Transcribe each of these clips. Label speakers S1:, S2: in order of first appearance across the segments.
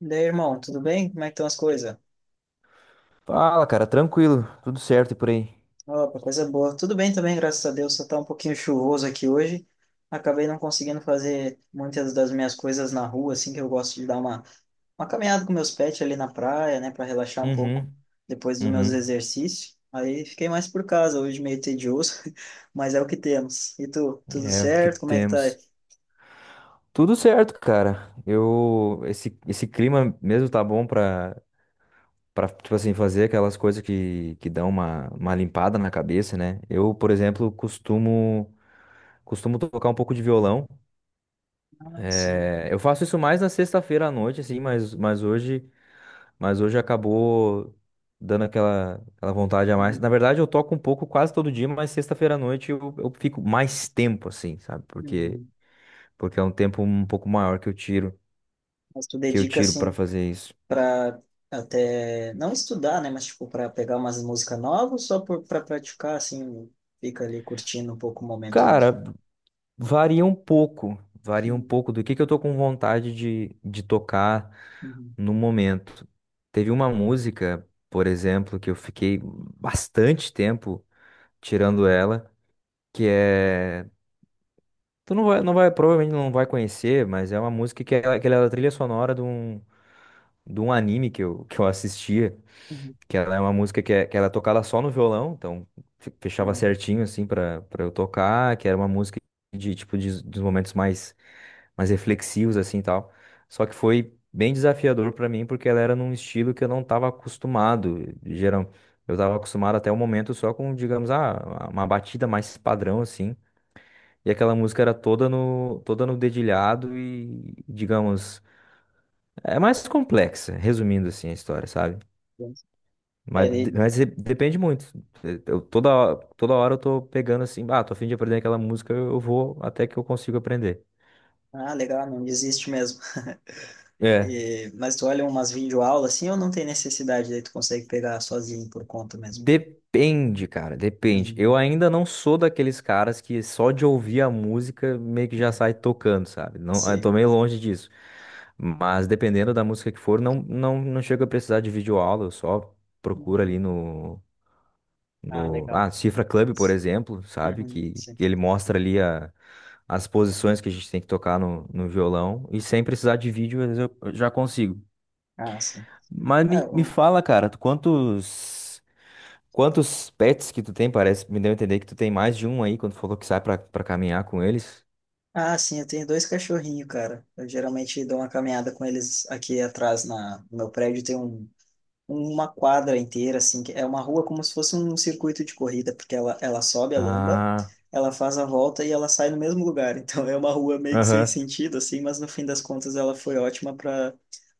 S1: E daí, irmão, tudo bem? Como é que estão as coisas?
S2: Fala, cara, tranquilo, tudo certo e por aí.
S1: Opa, coisa boa. Tudo bem também, graças a Deus. Só tá um pouquinho chuvoso aqui hoje. Acabei não conseguindo fazer muitas das minhas coisas na rua, assim, que eu gosto de dar uma caminhada com meus pets ali na praia, né, para relaxar um pouco
S2: Uhum,
S1: depois dos meus
S2: uhum.
S1: exercícios. Aí fiquei mais por casa, hoje meio tedioso, mas é o que temos. E tu, tudo
S2: É o que
S1: certo? Como é que tá aí?
S2: temos. Tudo certo, cara. Esse clima mesmo tá bom para tipo assim fazer aquelas coisas que dão uma limpada na cabeça, né? Eu, por exemplo, costumo tocar um pouco de violão.
S1: Ah, sim.
S2: É, eu faço isso mais na sexta-feira à noite assim, mas hoje acabou dando aquela vontade a mais.
S1: Uhum.
S2: Na verdade, eu toco um pouco quase todo dia, mas sexta-feira à noite eu fico mais tempo assim, sabe? Porque,
S1: Uhum.
S2: porque é um tempo um pouco maior que eu tiro,
S1: Mas tu
S2: que eu
S1: dedica,
S2: tiro para
S1: assim,
S2: fazer isso.
S1: para até não estudar, né, mas tipo para pegar umas músicas novas, só por para praticar assim, fica ali curtindo um pouco o momento mesmo.
S2: Cara, varia um pouco, varia um
S1: Uhum,
S2: pouco do que eu tô com vontade de tocar
S1: uhum,
S2: no momento. Teve uma música, por exemplo, que eu fiquei bastante tempo tirando ela, que é Tu não vai, não vai, provavelmente não vai conhecer, mas é uma música que ela era a trilha sonora de um anime que eu assistia,
S1: uhum.
S2: que ela é uma música que ela é tocada só no violão, então fechava
S1: Ah,
S2: certinho, assim, pra eu tocar, que era uma música dos momentos mais reflexivos, assim, e tal. Só que foi bem desafiador pra mim, porque ela era num estilo que eu não tava acostumado, geral. Eu tava acostumado até o momento só com, digamos, uma batida mais padrão, assim, e aquela música era toda no dedilhado e, digamos, é mais complexa, resumindo assim a história, sabe?
S1: bom. é, ele...
S2: Depende muito. Eu, toda hora eu tô pegando assim, ah, tô a fim de aprender aquela música, eu vou até que eu consigo aprender.
S1: ah, legal, não desiste mesmo.
S2: É.
S1: Mas tu olha umas videoaulas assim, ou não tem necessidade, daí tu consegue pegar sozinho por conta mesmo.
S2: Depende, cara, depende. Eu
S1: Hum,
S2: ainda não sou daqueles caras que só de ouvir a música meio que já sai tocando, sabe? Não, eu
S1: Sim.
S2: tô meio longe disso. Mas dependendo da música que for, não chego a precisar de videoaula, eu só procuro ali
S1: Uhum.
S2: no,
S1: Ah,
S2: no... Ah,
S1: legal.
S2: Cifra Club, por exemplo, sabe?
S1: Uhum,
S2: Que,
S1: sim.
S2: que ele mostra ali as posições que a gente tem que tocar no violão. E sem precisar de vídeo, às vezes eu já consigo.
S1: Ah, sim.
S2: Mas
S1: É,
S2: me
S1: o-
S2: fala, cara, quantos. Quantos pets que tu tem? Parece, me deu a entender que tu tem mais de um aí quando tu falou que sai pra caminhar com eles.
S1: Ah, sim, eu tenho dois cachorrinhos, cara. Eu geralmente dou uma caminhada com eles aqui atrás no meu prédio. Tem uma quadra inteira, assim, que é uma rua como se fosse um circuito de corrida, porque ela sobe a lomba,
S2: Ah,
S1: ela faz a volta e ela sai no mesmo lugar. Então é uma rua meio que sem
S2: aham.
S1: sentido, assim, mas no fim das contas ela foi ótima para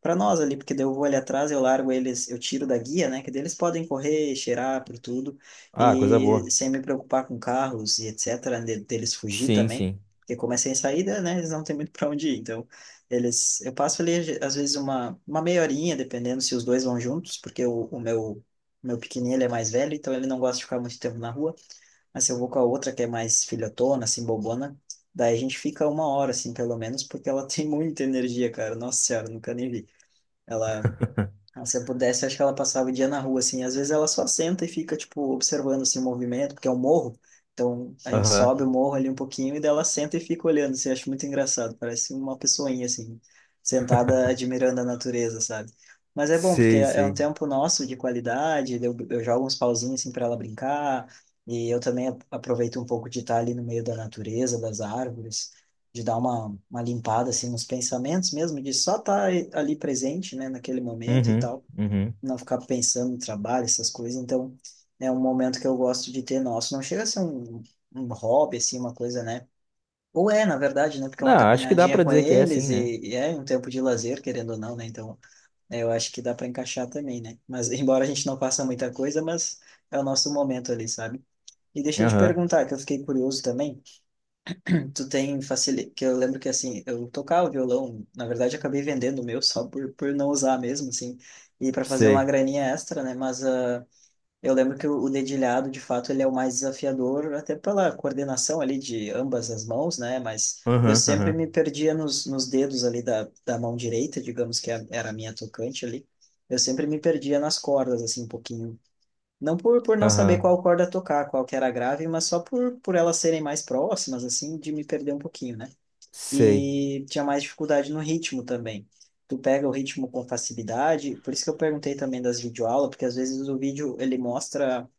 S1: para nós ali, porque daí eu vou ali atrás, eu largo eles, eu tiro da guia, né, que daí eles podem correr, cheirar por tudo,
S2: Ah, coisa boa.
S1: e sem me preocupar com carros e etc, deles fugir
S2: Sim,
S1: também.
S2: sim.
S1: Porque como é sem saída, né, eles não têm muito para onde ir, então eu passo ali, às vezes, uma meia horinha, dependendo se os dois vão juntos, porque o meu pequenininho, ele é mais velho, então ele não gosta de ficar muito tempo na rua. Mas se eu vou com a outra, que é mais filhotona, assim, bobona, daí a gente fica uma hora, assim, pelo menos, porque ela tem muita energia, cara. Nossa senhora, nunca nem vi. Ela Se eu pudesse, acho que ela passava o dia na rua, assim. Às vezes ela só senta e fica, tipo, observando, assim, o movimento, porque é um morro. Então, a gente
S2: Aham.
S1: sobe o morro ali um pouquinho e daí ela senta e fica olhando, assim. Acho muito engraçado. Parece uma pessoinha, assim, sentada admirando a natureza, sabe? Mas é bom, porque
S2: Sei,
S1: é um
S2: sei.
S1: tempo nosso de qualidade. Eu jogo uns pauzinhos, assim, para ela brincar. E eu também aproveito um pouco de estar ali no meio da natureza, das árvores, de dar uma limpada, assim, nos pensamentos mesmo, de só estar ali presente, né, naquele momento e
S2: Uhum,
S1: tal
S2: uhum.
S1: não ficar pensando no trabalho, essas coisas. Então, é um momento que eu gosto de ter nosso. Não chega a ser um hobby, assim, uma coisa, né? Ou é, na verdade, né? Porque é uma
S2: Não, acho que dá
S1: caminhadinha
S2: pra
S1: com
S2: dizer que é assim,
S1: eles
S2: né?
S1: e é um tempo de lazer, querendo ou não, né? Então, é, eu acho que dá para encaixar também, né? Mas, embora a gente não faça muita coisa, mas é o nosso momento ali, sabe? E deixa eu te
S2: Aham.
S1: perguntar, que eu fiquei curioso também. Tu tem facilidade, que eu lembro que assim, eu tocava violão, na verdade eu acabei vendendo o meu só por não usar mesmo, assim, e para fazer uma
S2: Sei.
S1: graninha extra, né? Mas eu lembro que o dedilhado, de fato, ele é o mais desafiador, até pela coordenação ali de ambas as mãos, né? Mas eu
S2: Aham,
S1: sempre
S2: aham.
S1: me perdia nos dedos ali da mão direita, digamos que era a minha tocante ali. Eu sempre me perdia nas cordas, assim, um pouquinho. Não por não saber
S2: Aham.
S1: qual corda tocar, qual que era a grave, mas só por elas serem mais próximas, assim, de me perder um pouquinho, né?
S2: Sei.
S1: E tinha mais dificuldade no ritmo também. Tu pega o ritmo com facilidade, por isso que eu perguntei também das videoaulas, porque às vezes o vídeo ele mostra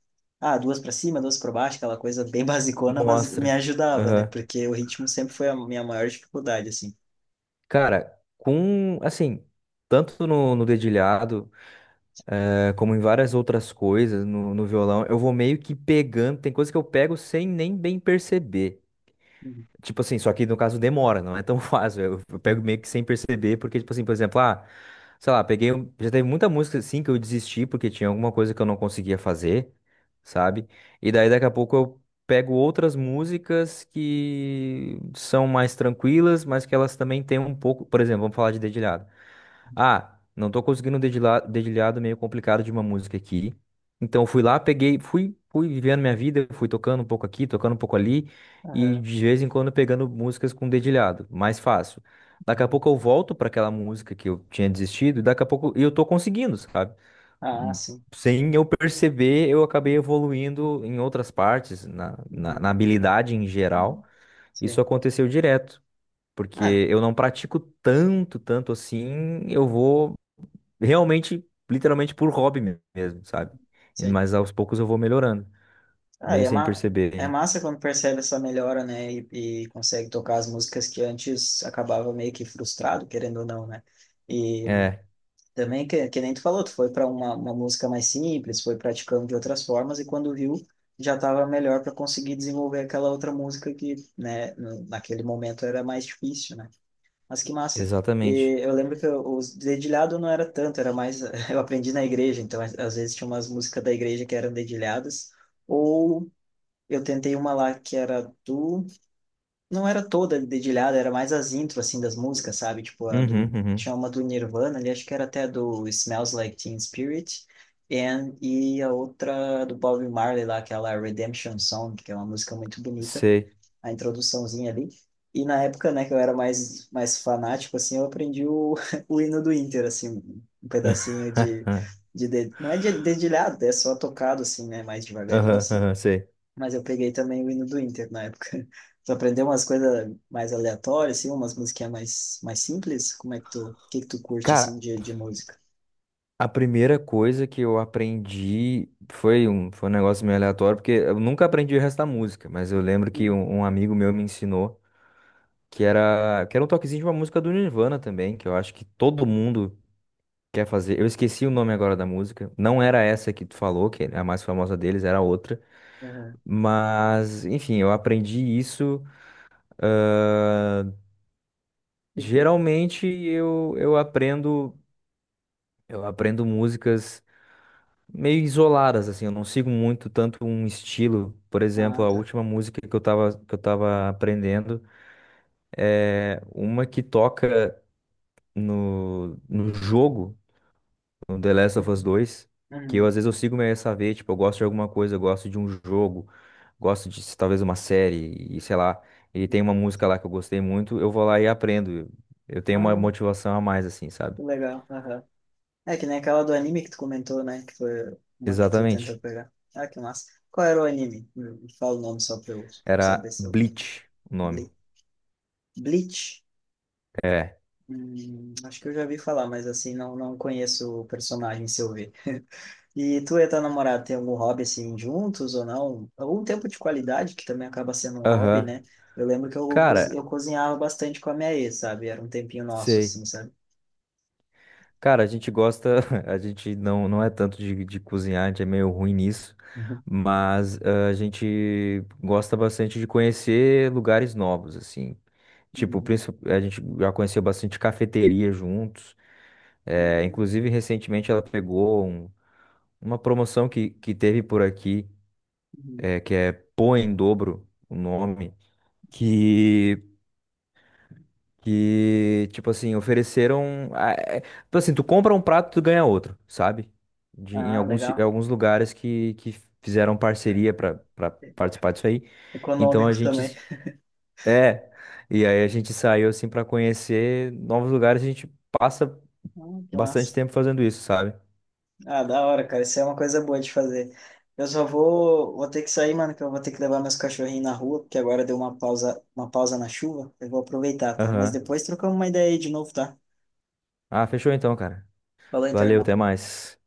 S1: duas pra cima, duas pra baixo, aquela coisa bem basicona, mas me
S2: Mostra.
S1: ajudava, né?
S2: Aham.
S1: Porque o ritmo sempre foi a minha maior dificuldade, assim.
S2: Cara, com, assim, tanto no dedilhado. É, como em várias outras coisas no violão, eu vou meio que pegando. Tem coisa que eu pego sem nem bem perceber.
S1: Uhum,
S2: Tipo assim, só que no caso demora, não é tão fácil. Eu pego
S1: uhum,
S2: meio que sem perceber, porque, tipo assim, por exemplo, sei lá, peguei. Já teve muita música assim que eu desisti porque tinha alguma coisa que eu não conseguia fazer, sabe? E daí daqui a pouco eu pego outras músicas que são mais tranquilas, mas que elas também têm um pouco. Por exemplo, vamos falar de dedilhado. Ah, não tô conseguindo um dedilhado meio complicado de uma música aqui. Então fui lá, peguei, fui vivendo minha vida, fui tocando um pouco aqui, tocando um pouco ali, e de vez em quando pegando músicas com dedilhado, mais fácil. Daqui a
S1: uhum,
S2: pouco eu volto para aquela música que eu tinha desistido, e daqui a pouco eu tô conseguindo, sabe?
S1: Ah, sim.
S2: Sem eu perceber, eu acabei evoluindo em outras partes, na
S1: Uhum,
S2: habilidade em
S1: uhum.
S2: geral. Isso
S1: Sim.
S2: aconteceu direto,
S1: Ah,
S2: porque eu não pratico tanto assim, eu vou realmente, literalmente por hobby mesmo, sabe?
S1: sim.
S2: Mas aos poucos eu vou melhorando,
S1: Ah,
S2: meio
S1: e é,
S2: sem
S1: ma
S2: perceber.
S1: é
S2: Ainda.
S1: massa quando percebe essa melhora, né? E consegue tocar as músicas que antes acabava meio que frustrado, querendo ou não, né? E
S2: É,
S1: também, que nem tu falou, tu foi para uma música mais simples, foi praticando de outras formas, e quando viu, já estava melhor para conseguir desenvolver aquela outra música que, né, naquele momento era mais difícil, né? Mas que massa.
S2: exatamente.
S1: E eu lembro que os dedilhado não era tanto, era mais. Eu aprendi na igreja, então às vezes tinha umas músicas da igreja que eram dedilhadas, ou eu tentei uma lá que era do não era toda dedilhada, era mais as intros, assim, das músicas, sabe? Tipo, a do,
S2: Uhum, uhum.
S1: tinha uma do Nirvana ali, acho que era até do Smells Like Teen Spirit, e a outra do Bob Marley lá, aquela Redemption Song, que é uma música muito bonita,
S2: Sei.
S1: a introduçãozinha ali. E na época, né, que eu era mais fanático, assim, eu aprendi o, o hino do Inter, assim, um pedacinho de... de, de não é de dedilhado, é só tocado, assim, né, mais devagarinho,
S2: Aham,
S1: assim,
S2: aham, sei.
S1: mas eu peguei também o hino do Inter na época. Tu aprendeu umas coisas mais aleatórias, assim, umas musiquinhas mais simples? Como é que tu, o que que tu curte, assim,
S2: Cara,
S1: de música?
S2: a primeira coisa que eu aprendi foi foi um negócio meio aleatório, porque eu nunca aprendi o resto da música, mas eu lembro que
S1: Hum,
S2: um amigo meu me ensinou que era um toquezinho de uma música do Nirvana também, que eu acho que todo mundo quer fazer? Eu esqueci o nome agora da música. Não era essa que tu falou, que é a mais famosa deles, era outra.
S1: aham.
S2: Mas, enfim, eu aprendi isso. ah,
S1: E fica...
S2: Geralmente eu aprendo músicas meio isoladas, assim. Eu não sigo muito tanto um estilo. Por exemplo,
S1: Ah,
S2: a
S1: tá.
S2: última música que eu tava aprendendo é uma que toca no, no jogo. No The Last of Us
S1: Uhum.
S2: 2, que eu
S1: Uhum.
S2: às vezes eu sigo meio essa veia, tipo, eu gosto de alguma coisa, eu gosto de um jogo, gosto de talvez uma série, e sei lá, ele tem uma música lá que eu gostei muito, eu vou lá e aprendo. Eu tenho uma
S1: Ah,
S2: motivação a mais, assim, sabe?
S1: que legal. Aham. É que nem aquela do anime que tu comentou, né? Que foi uma que tu tentou
S2: Exatamente.
S1: pegar. Ah, que massa. Qual era o anime? Fala o nome só pra eu saber
S2: Era
S1: se eu conheço.
S2: Bleach o nome.
S1: Ble- Bleach?
S2: É.
S1: Acho que eu já vi falar, mas assim, não, não conheço o personagem se eu ver. E tu e a tua namorada tem algum hobby assim juntos ou não? Algum tempo de qualidade que também acaba sendo um hobby,
S2: Aham.
S1: né? Eu lembro que eu
S2: Cara,
S1: cozinhava bastante com a minha ex, sabe? Era um tempinho nosso,
S2: sei.
S1: assim, sabe?
S2: Cara, a gente gosta, a gente não é tanto de cozinhar, a gente é meio ruim nisso,
S1: Uhum.
S2: mas a gente gosta bastante de conhecer lugares novos, assim. Tipo, a gente já conheceu bastante cafeteria juntos. É,
S1: Uhum.
S2: inclusive, recentemente ela pegou uma promoção que teve por aqui,
S1: Uhum.
S2: é, que é Pô em Dobro, o nome, que, que tipo assim, ofereceram. Tipo assim, tu compra um prato, tu ganha outro, sabe?
S1: Ah,
S2: Em
S1: legal.
S2: alguns lugares que fizeram parceria para participar disso aí. Então a
S1: Econômico também.
S2: gente. É. E aí a gente saiu assim para conhecer novos lugares, a gente passa.
S1: Ah, que
S2: Bastante
S1: massa.
S2: tempo fazendo isso, sabe?
S1: Ah, da hora, cara. Isso é uma coisa boa de fazer. Eu só vou ter que sair, mano, que eu vou ter que levar meus cachorrinhos na rua, porque agora deu uma pausa na chuva. Eu vou aproveitar, tá? Mas
S2: Aham.
S1: depois trocamos uma ideia aí de novo, tá?
S2: Ah, fechou então, cara.
S1: Falou então,
S2: Valeu,
S1: irmão.
S2: até mais.